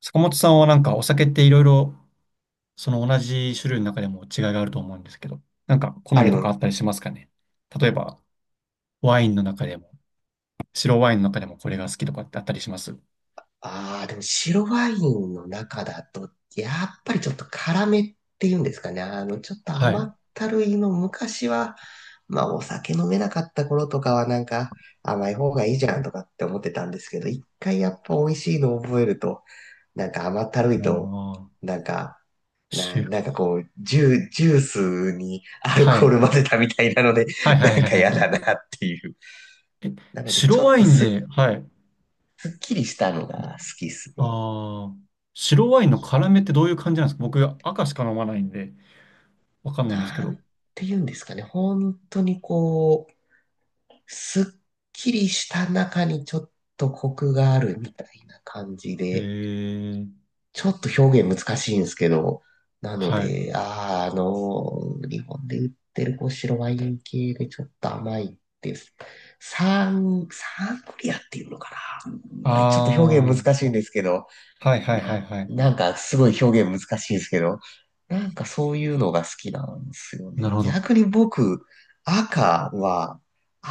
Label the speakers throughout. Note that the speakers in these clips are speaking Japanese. Speaker 1: 坂本さんはなんかお酒っていろいろ、その同じ種類の中でも違いがあると思うんですけど、なんか好
Speaker 2: あ、れ
Speaker 1: みとかあ
Speaker 2: も、
Speaker 1: ったりしますかね？例えばワインの中でも、白ワインの中でもこれが好きとかってあったりします？
Speaker 2: ああ、でも白ワインの中だと、やっぱりちょっと辛めっていうんですかね。ちょっと
Speaker 1: は
Speaker 2: 甘
Speaker 1: い。
Speaker 2: ったるいの昔は、まあお酒飲めなかった頃とかはなんか甘い方がいいじゃんとかって思ってたんですけど、一回やっぱ美味しいのを覚えると、なんか甘ったるい
Speaker 1: あ
Speaker 2: と、
Speaker 1: あ、
Speaker 2: なんか、
Speaker 1: 白、
Speaker 2: なんかこう、ジュースにアル
Speaker 1: は
Speaker 2: コー
Speaker 1: い。
Speaker 2: ル混ぜたみたいなので、
Speaker 1: はい
Speaker 2: な
Speaker 1: はい
Speaker 2: ん
Speaker 1: はい
Speaker 2: か
Speaker 1: は
Speaker 2: 嫌
Speaker 1: い。
Speaker 2: だなっていう。なので
Speaker 1: 白
Speaker 2: ちょっ
Speaker 1: ワイ
Speaker 2: と
Speaker 1: ン
Speaker 2: す、
Speaker 1: で、はい。
Speaker 2: すっきりしたのが好きっすね。
Speaker 1: ああ、白ワインの辛めってどういう感じなんですか？僕赤しか飲まないんで、わかんないんですけ
Speaker 2: な
Speaker 1: ど。
Speaker 2: んて言うんですかね。本当にこう、すっきりした中にちょっとコクがあるみたいな感じ
Speaker 1: へ
Speaker 2: で、
Speaker 1: え、
Speaker 2: ちょっと表現難しいんですけど、なの
Speaker 1: はい。
Speaker 2: で、日本で売ってるこう白ワイン系でちょっと甘いです。サングリアっていうのかな。
Speaker 1: あ
Speaker 2: まあちょっと表
Speaker 1: あ、
Speaker 2: 現
Speaker 1: は
Speaker 2: 難しいんですけど、
Speaker 1: いはいはいはい。
Speaker 2: なんかすごい表現難しいですけど、なんかそういうのが好きなんですよ
Speaker 1: なる
Speaker 2: ね。
Speaker 1: ほど。
Speaker 2: 逆に僕、赤は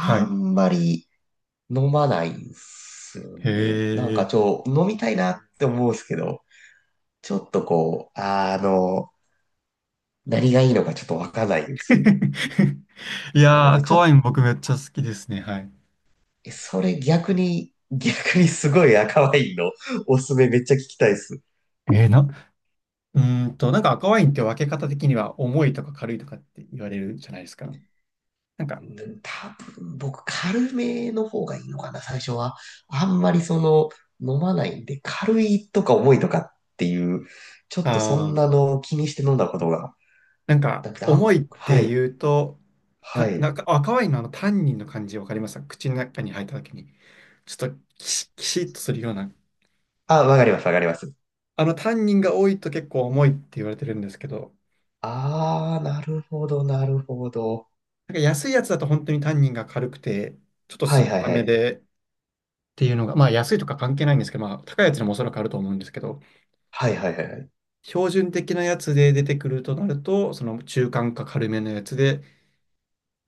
Speaker 1: はい。
Speaker 2: んまり飲まないんですよね。なん
Speaker 1: へ
Speaker 2: か
Speaker 1: え。
Speaker 2: 飲みたいなって思うんですけど、ちょっとこう、何がいいのかちょっとわかんないんですよ。
Speaker 1: い
Speaker 2: なの
Speaker 1: やー、
Speaker 2: で、ち
Speaker 1: 赤
Speaker 2: ょ
Speaker 1: ワイ
Speaker 2: っ
Speaker 1: ン僕めっちゃ好きですね。はい。
Speaker 2: と、それ逆に、すごい赤ワインのおすすめめっちゃ聞きたいです。
Speaker 1: えー、な、うーんと、なんか赤ワインって分け方的には重いとか軽いとかって言われるじゃないですか。なんか、
Speaker 2: 多分僕軽めの方がいいのかな、最初は。あんまり飲まないんで、軽いとか重いとかっていう、ちょ
Speaker 1: あ
Speaker 2: っとそんな
Speaker 1: ー、
Speaker 2: のを気にして飲んだことが
Speaker 1: なんか
Speaker 2: なくて、
Speaker 1: 重
Speaker 2: あ、
Speaker 1: いっ
Speaker 2: は
Speaker 1: て
Speaker 2: い、
Speaker 1: 言うと、
Speaker 2: は
Speaker 1: な
Speaker 2: い。
Speaker 1: んか赤ワインのあのタンニンの感じ分かりますか？口の中に入った時に、ちょっとキシッとするような。
Speaker 2: あ、わかります、わかります。
Speaker 1: あのタンニンが多いと結構重いって言われてるんですけど、
Speaker 2: あー、なるほど、なるほど。
Speaker 1: なんか安いやつだと本当にタンニンが軽くて、ちょっと
Speaker 2: は
Speaker 1: 酸
Speaker 2: い
Speaker 1: っ
Speaker 2: はい
Speaker 1: ぱ
Speaker 2: は
Speaker 1: め
Speaker 2: い。
Speaker 1: で、っていうのが、まあ安いとか関係ないんですけど、まあ高いやつにもおそらくあると思うんですけど、
Speaker 2: はいはいはいはい。
Speaker 1: 標準的なやつで出てくるとなると、その中間か軽めのやつで、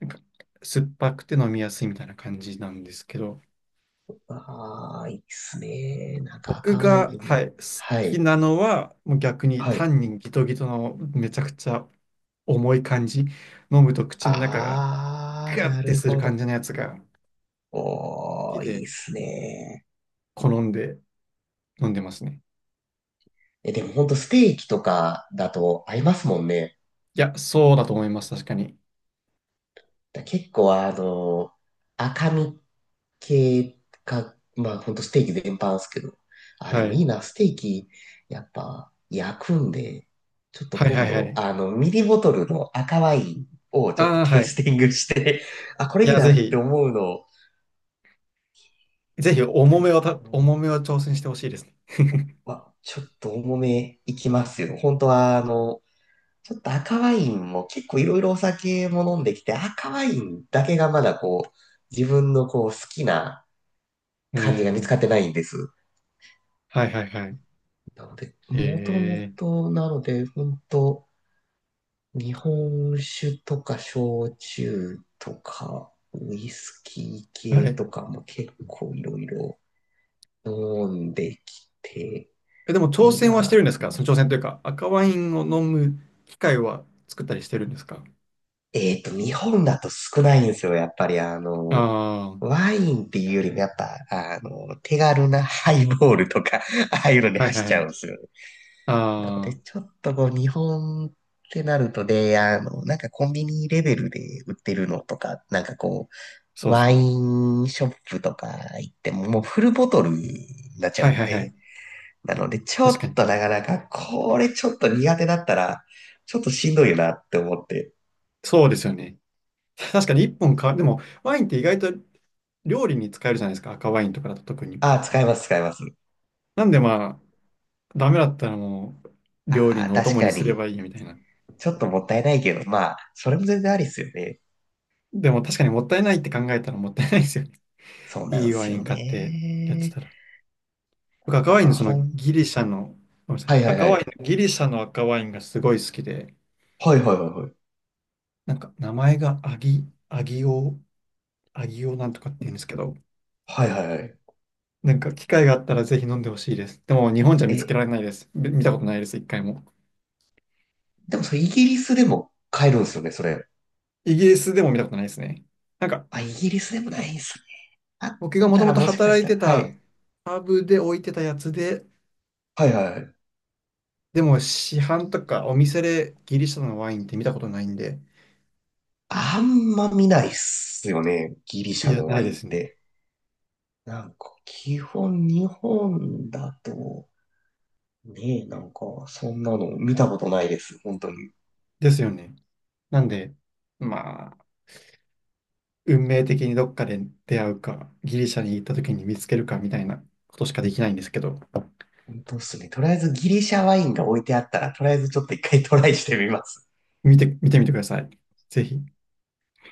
Speaker 1: なんか酸っぱくて飲みやすいみたいな感じなんですけど、
Speaker 2: あー、いいっすね。なんか
Speaker 1: 僕
Speaker 2: 赤ワイ
Speaker 1: が、
Speaker 2: ン。
Speaker 1: はい、好
Speaker 2: は
Speaker 1: き
Speaker 2: い、
Speaker 1: なのは、もう逆に
Speaker 2: はい。
Speaker 1: 単にギトギトのめちゃくちゃ重い感じ、飲むと口の中が
Speaker 2: あー、
Speaker 1: ガッ
Speaker 2: な
Speaker 1: て
Speaker 2: る
Speaker 1: する
Speaker 2: ほ
Speaker 1: 感
Speaker 2: ど。
Speaker 1: じのやつが好
Speaker 2: お
Speaker 1: き
Speaker 2: ー、いい
Speaker 1: で、
Speaker 2: っすね。
Speaker 1: 好んで飲んでますね。
Speaker 2: え、でもほんとステーキとかだと合いますもんね。
Speaker 1: いや、そうだと思います、確かに。
Speaker 2: 結構赤身系か、まあほんとステーキ全般ですけど。あ、で
Speaker 1: は
Speaker 2: もい
Speaker 1: い。
Speaker 2: いな、ステーキ、やっぱ焼くんで、ちょっと
Speaker 1: はいは
Speaker 2: 今
Speaker 1: いは
Speaker 2: 度、
Speaker 1: い。
Speaker 2: ミリボトルの赤ワインをちょっと
Speaker 1: ああ、
Speaker 2: テ
Speaker 1: は
Speaker 2: イス
Speaker 1: い。
Speaker 2: ティングして、あ、こ
Speaker 1: い
Speaker 2: れいい
Speaker 1: や、
Speaker 2: な
Speaker 1: ぜ
Speaker 2: って
Speaker 1: ひ。
Speaker 2: 思うの、
Speaker 1: ぜ
Speaker 2: や
Speaker 1: ひ
Speaker 2: っぱ
Speaker 1: 重め
Speaker 2: り
Speaker 1: を重
Speaker 2: こ
Speaker 1: めを挑戦してほしいですね。
Speaker 2: う、まあ、ちょっと重めいきますよ。本当はちょっと赤ワインも結構いろいろお酒も飲んできて、赤ワインだけがまだこう、自分のこう好きな感じが見
Speaker 1: え
Speaker 2: つかっ
Speaker 1: え
Speaker 2: てないんです。
Speaker 1: はいはいはい。
Speaker 2: なので、もとも
Speaker 1: え
Speaker 2: と、なので、本当日本酒とか焼酎とか、ウイスキー
Speaker 1: えは
Speaker 2: 系
Speaker 1: い。
Speaker 2: とかも結構いろいろ飲んできて、
Speaker 1: え、でも挑
Speaker 2: いい
Speaker 1: 戦はしてるん
Speaker 2: な。
Speaker 1: ですか？その挑戦というか、赤ワインを飲む機会は作ったりしてるんですか？
Speaker 2: えっと、日本だと少ないんですよ、やっぱり
Speaker 1: ああー、
Speaker 2: ワインっていうよりもやっぱ、手軽なハイボールとか、ああいうのに
Speaker 1: はいは
Speaker 2: 走
Speaker 1: い
Speaker 2: っ
Speaker 1: は
Speaker 2: ちゃうんで
Speaker 1: い。
Speaker 2: すよね。なので、
Speaker 1: ああ、
Speaker 2: ちょっとこう、日本ってなるとで、なんかコンビニレベルで売ってるのとか、なんかこ
Speaker 1: そ
Speaker 2: う、
Speaker 1: うです
Speaker 2: ワイ
Speaker 1: ね。
Speaker 2: ンショップとか行っても、もうフルボトルになっちゃう
Speaker 1: は
Speaker 2: ん
Speaker 1: いはいは
Speaker 2: で、
Speaker 1: い。
Speaker 2: なので、ちょ
Speaker 1: 確か
Speaker 2: っ
Speaker 1: に。
Speaker 2: となかなか、これちょっと苦手だったら、ちょっとしんどいよなって思って、
Speaker 1: そうですよね。確かに一本か、でもワインって意外と料理に使えるじゃないですか。赤ワインとかだと特に。
Speaker 2: ああ、使います、使います。
Speaker 1: なんでまあ、ダメだったらもう料理
Speaker 2: ああ、
Speaker 1: のお
Speaker 2: 確
Speaker 1: 供に
Speaker 2: か
Speaker 1: すれ
Speaker 2: に。
Speaker 1: ばいいみたいな。
Speaker 2: ちょっともったいないけど、まあ、それも全然ありっすよね。
Speaker 1: でも確かにもったいないって考えたらもったいないですよね。
Speaker 2: そう な
Speaker 1: い
Speaker 2: ん
Speaker 1: い
Speaker 2: で
Speaker 1: ワ
Speaker 2: す
Speaker 1: イン
Speaker 2: よ
Speaker 1: 買ってやって
Speaker 2: ね。
Speaker 1: たら。僕赤
Speaker 2: だ
Speaker 1: ワイン
Speaker 2: か
Speaker 1: の
Speaker 2: ら
Speaker 1: そのギリシャの、ごめんなさ
Speaker 2: は
Speaker 1: い、
Speaker 2: いはい
Speaker 1: 赤
Speaker 2: は
Speaker 1: ワイ
Speaker 2: い。
Speaker 1: ン、ギリシャの赤ワインがすごい好きで、
Speaker 2: はいはいはいはい。
Speaker 1: なんか名前がアギオなんとかって言うんですけど、
Speaker 2: はいはいはい。
Speaker 1: なんか機会があったらぜひ飲んでほしいです。でも日本じゃ見つけ
Speaker 2: え、
Speaker 1: られないです。見たことないです、一回も。
Speaker 2: でもそれイギリスでも買えるんですよね、それ。
Speaker 1: イギリスでも見たことないですね。なんか
Speaker 2: あ、イギリスでもないんすね。あっ
Speaker 1: 僕がもと
Speaker 2: た
Speaker 1: も
Speaker 2: ら
Speaker 1: と
Speaker 2: もしかし
Speaker 1: 働い
Speaker 2: たら、
Speaker 1: て
Speaker 2: は
Speaker 1: た
Speaker 2: い。
Speaker 1: パブで置いてたやつで、
Speaker 2: はいはいはい。
Speaker 1: でも市販とかお店でギリシャのワインって見たことないんで、
Speaker 2: あんま見ないっすよね、ギリシ
Speaker 1: い
Speaker 2: ャ
Speaker 1: や、
Speaker 2: の
Speaker 1: な
Speaker 2: ワ
Speaker 1: いで
Speaker 2: インっ
Speaker 1: すね。
Speaker 2: て。なんか、基本日本だと、ねえ、なんか、そんなの見たことないです、本当に。
Speaker 1: ですよね。なんで、まあ、運命的にどっかで出会うか、ギリシャに行った時に見つけるかみたいなことしかできないんですけど、
Speaker 2: 本当っすね。とりあえずギリシャワインが置いてあったら、とりあえずちょっと一回トライしてみます。
Speaker 1: 見てみてください。ぜひ。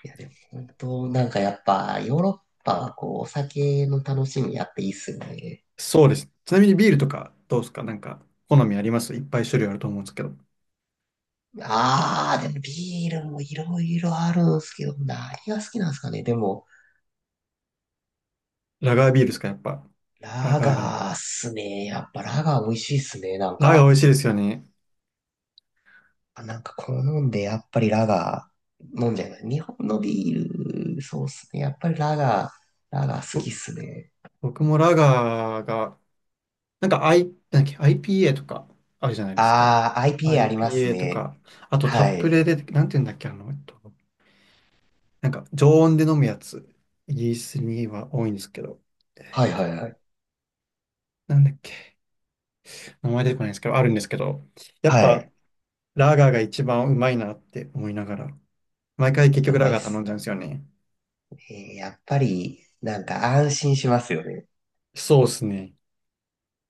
Speaker 2: いや、でも本当、なんかやっぱ、ヨーロッパはこう、お酒の楽しみやっていいっすよね。
Speaker 1: そうです。ちなみにビールとかどうですか？なんか、好みあります？いっぱい種類あると思うんですけど。
Speaker 2: あー、でもビールもいろいろあるんすけど、何が好きなんですかね。でも、
Speaker 1: ラガービールですかやっぱ。ラ
Speaker 2: ラ
Speaker 1: ガーがの。
Speaker 2: ガーっすね。やっぱラガー美味しいっすね。なん
Speaker 1: ラガー美
Speaker 2: か、
Speaker 1: 味しいですよね。
Speaker 2: あなんか好んで、やっぱりラガー飲んじゃいます。日本のビール、そうっすね。やっぱりラガー好
Speaker 1: ぼ
Speaker 2: きっすね。
Speaker 1: 僕もラガーが、なんか、なんだっけ、IPA とかあるじゃないですか。
Speaker 2: あー、IPA あります
Speaker 1: IPA と
Speaker 2: ね。
Speaker 1: か、あとタ
Speaker 2: は
Speaker 1: ップ
Speaker 2: い。
Speaker 1: レで、なんて言うんだっけ、なんか常温で飲むやつ、イギリスには多いんですけど、
Speaker 2: はいはいはい。
Speaker 1: なんだっけ、名前出てこないんですけど、あるんですけど、やっ
Speaker 2: は
Speaker 1: ぱ
Speaker 2: い。
Speaker 1: ラガーが一番うまいなって思いながら、毎回
Speaker 2: や
Speaker 1: 結
Speaker 2: っぱ
Speaker 1: 局
Speaker 2: うま
Speaker 1: ラ
Speaker 2: いっ
Speaker 1: ガー頼
Speaker 2: す。
Speaker 1: んじゃうんですよね。
Speaker 2: えーやっぱり、なんか安心しますよね。
Speaker 1: そうですね。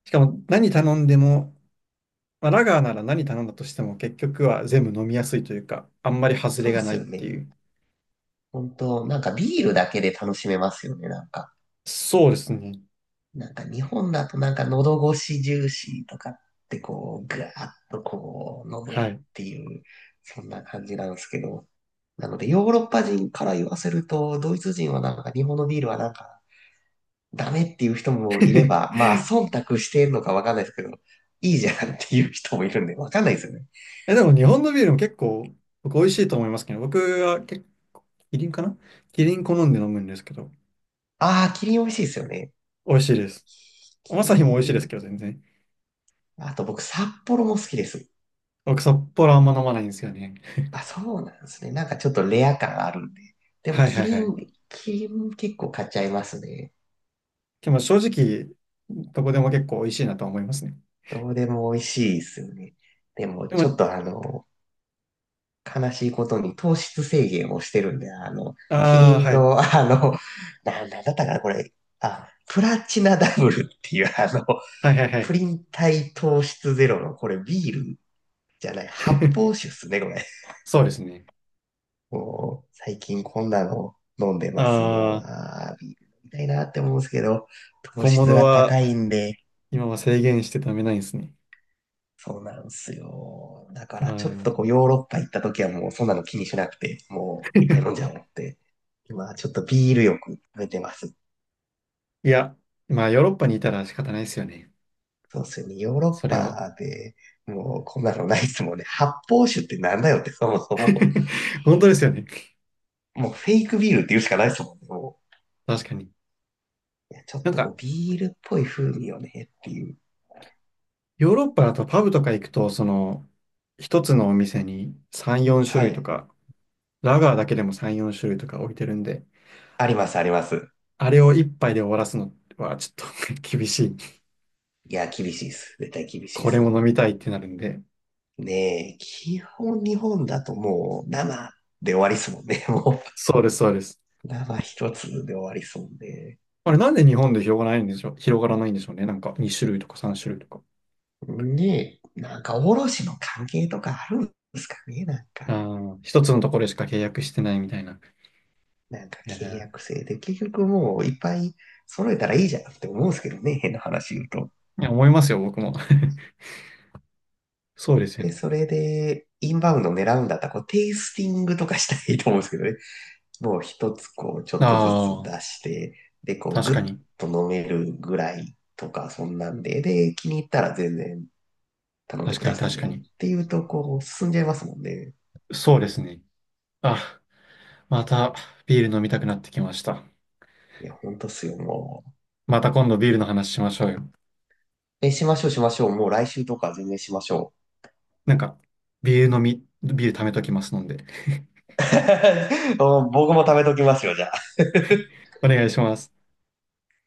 Speaker 1: しかも何頼んでも、まあ、ラガーなら何頼んだとしても結局は全部飲みやすいというか、あんまり外
Speaker 2: そ
Speaker 1: れ
Speaker 2: うっ
Speaker 1: がな
Speaker 2: す
Speaker 1: いっ
Speaker 2: よ
Speaker 1: て
Speaker 2: ね。
Speaker 1: いう。
Speaker 2: 本当なんかビールだけで楽しめますよね、なんか。
Speaker 1: そうですね。
Speaker 2: なんか日本だとなんか喉越し重視とかってこう、ぐわーっとこう、飲む
Speaker 1: は
Speaker 2: っ
Speaker 1: い。
Speaker 2: ていう、そんな感じなんですけど。なので、ヨーロッパ人から言わせると、ドイツ人はなんか日本のビールはなんかダメっていう人もいれば、まあ、忖度してんのかわかんないですけど、いいじゃんっていう人もいるんで、わかんないですよね。
Speaker 1: え、でも日本のビールも結構僕美味しいと思いますけど、僕は結構、キリンかなキリン好んで飲むんですけど、
Speaker 2: ああ、キリン美味しいですよね。
Speaker 1: 美味しいです。ア
Speaker 2: キ
Speaker 1: サヒも美
Speaker 2: リ
Speaker 1: 味しいです
Speaker 2: ン、
Speaker 1: けど、全然。
Speaker 2: あと僕、札幌も好きです。
Speaker 1: 僕、札幌あんま飲まないんですよね。
Speaker 2: あ、そうなんですね。なんかちょっとレア感あるんで。でも、
Speaker 1: はいは
Speaker 2: キ
Speaker 1: いは
Speaker 2: リ
Speaker 1: い。
Speaker 2: ン、キリン結構買っちゃいますね。
Speaker 1: でも正直、どこでも結構美味しいなとは思いますね。
Speaker 2: どうでも美味しいですよね。でも、
Speaker 1: で
Speaker 2: ちょっ
Speaker 1: も、
Speaker 2: と悲しいことに糖質制限をしてるんで、キ
Speaker 1: ああ、
Speaker 2: リン
Speaker 1: は
Speaker 2: の、
Speaker 1: い。
Speaker 2: なんだったかな、これ。あ、プラチナダブルっていう、
Speaker 1: はいはいは
Speaker 2: プ
Speaker 1: い。
Speaker 2: リン体糖質ゼロの、これビールじゃない、発泡 酒っすね、これ。
Speaker 1: そうですね。
Speaker 2: もう、最近こんなの飲んでます。も
Speaker 1: あ
Speaker 2: う、
Speaker 1: あ、
Speaker 2: あービール飲みたいなって思うんですけど、糖
Speaker 1: 小
Speaker 2: 質
Speaker 1: 物
Speaker 2: が
Speaker 1: は
Speaker 2: 高いんで、
Speaker 1: 今は制限して食べないんですね。
Speaker 2: そうなんですよ。だか
Speaker 1: あ
Speaker 2: ら、ちょっ
Speaker 1: ー
Speaker 2: とこう、ヨーロッパ行った時はもう、そんなの気にしなくて、もう、いっぱい飲んじゃおう って。今、ちょっとビールよく食べてます。
Speaker 1: いや、まあヨーロッパにいたら仕方ないですよね。
Speaker 2: そうですよね。ヨーロ
Speaker 1: そ
Speaker 2: ッ
Speaker 1: れは。
Speaker 2: パで、もう、こんなのないですもんね。発泡酒ってなんだよって、そもそも。
Speaker 1: 本当ですよね。
Speaker 2: もう、フェイクビールって言うしかないですもんね。も
Speaker 1: 確かに。
Speaker 2: う、いやちょっ
Speaker 1: なん
Speaker 2: とこう、
Speaker 1: か、
Speaker 2: ビールっぽい風味よねっていう。
Speaker 1: ヨーロッパだとパブとか行くと、その、一つのお店に3、4種
Speaker 2: は
Speaker 1: 類と
Speaker 2: い。
Speaker 1: かラガーだけでも3、4種類とか置いてるんで、
Speaker 2: あります、あります。
Speaker 1: あれを1杯で終わらすのはちょっと 厳しい。
Speaker 2: いや、厳しいです。絶対厳しいで
Speaker 1: こ
Speaker 2: す。
Speaker 1: れ
Speaker 2: そ
Speaker 1: も飲
Speaker 2: の、
Speaker 1: みたいってなるんで。
Speaker 2: ねえ、基本日本だともう生で終わりっすもんね。も
Speaker 1: そうです、そうです。
Speaker 2: う、生一つで終わりっすもんね。
Speaker 1: あれなんで日本で広がらないんでしょう、広がらないんでしょうね。なんか2種類とか3種類とか。
Speaker 2: ねえ、なんか卸の関係とかあるんですかね、なんか。
Speaker 1: ああ、一つのところしか契約してないみたいな。
Speaker 2: なんか
Speaker 1: え
Speaker 2: 契
Speaker 1: ー
Speaker 2: 約制で、結局もういっぱい揃えたらいいじゃんって思うんですけどね、変な話言うと。
Speaker 1: いや、思いますよ、僕も。そうですよ
Speaker 2: で、
Speaker 1: ね。
Speaker 2: それで、インバウンド狙うんだったら、こう、テイスティングとかしたらいいと思うんですけどね。を一つこう、ちょっとずつ
Speaker 1: ああ、
Speaker 2: 出して、で、こう、
Speaker 1: 確
Speaker 2: ぐっ
Speaker 1: かに。
Speaker 2: と飲めるぐらいとか、そんなんで、で、気に入ったら全然頼んで
Speaker 1: 確
Speaker 2: く
Speaker 1: か
Speaker 2: だ
Speaker 1: に、
Speaker 2: さい
Speaker 1: 確か
Speaker 2: ね。
Speaker 1: に。
Speaker 2: っていうと、こう、進んじゃいますもんね。
Speaker 1: そうですね。あ、またビール飲みたくなってきました。
Speaker 2: いや、ほんとっすよ、もう。
Speaker 1: また今度ビールの話しましょうよ。
Speaker 2: え、しましょう、しましょう。もう来週とか全然しましょ
Speaker 1: なんか、ビール貯めときますので、
Speaker 2: う。う僕も食べときますよ、じゃあ。
Speaker 1: お願いします。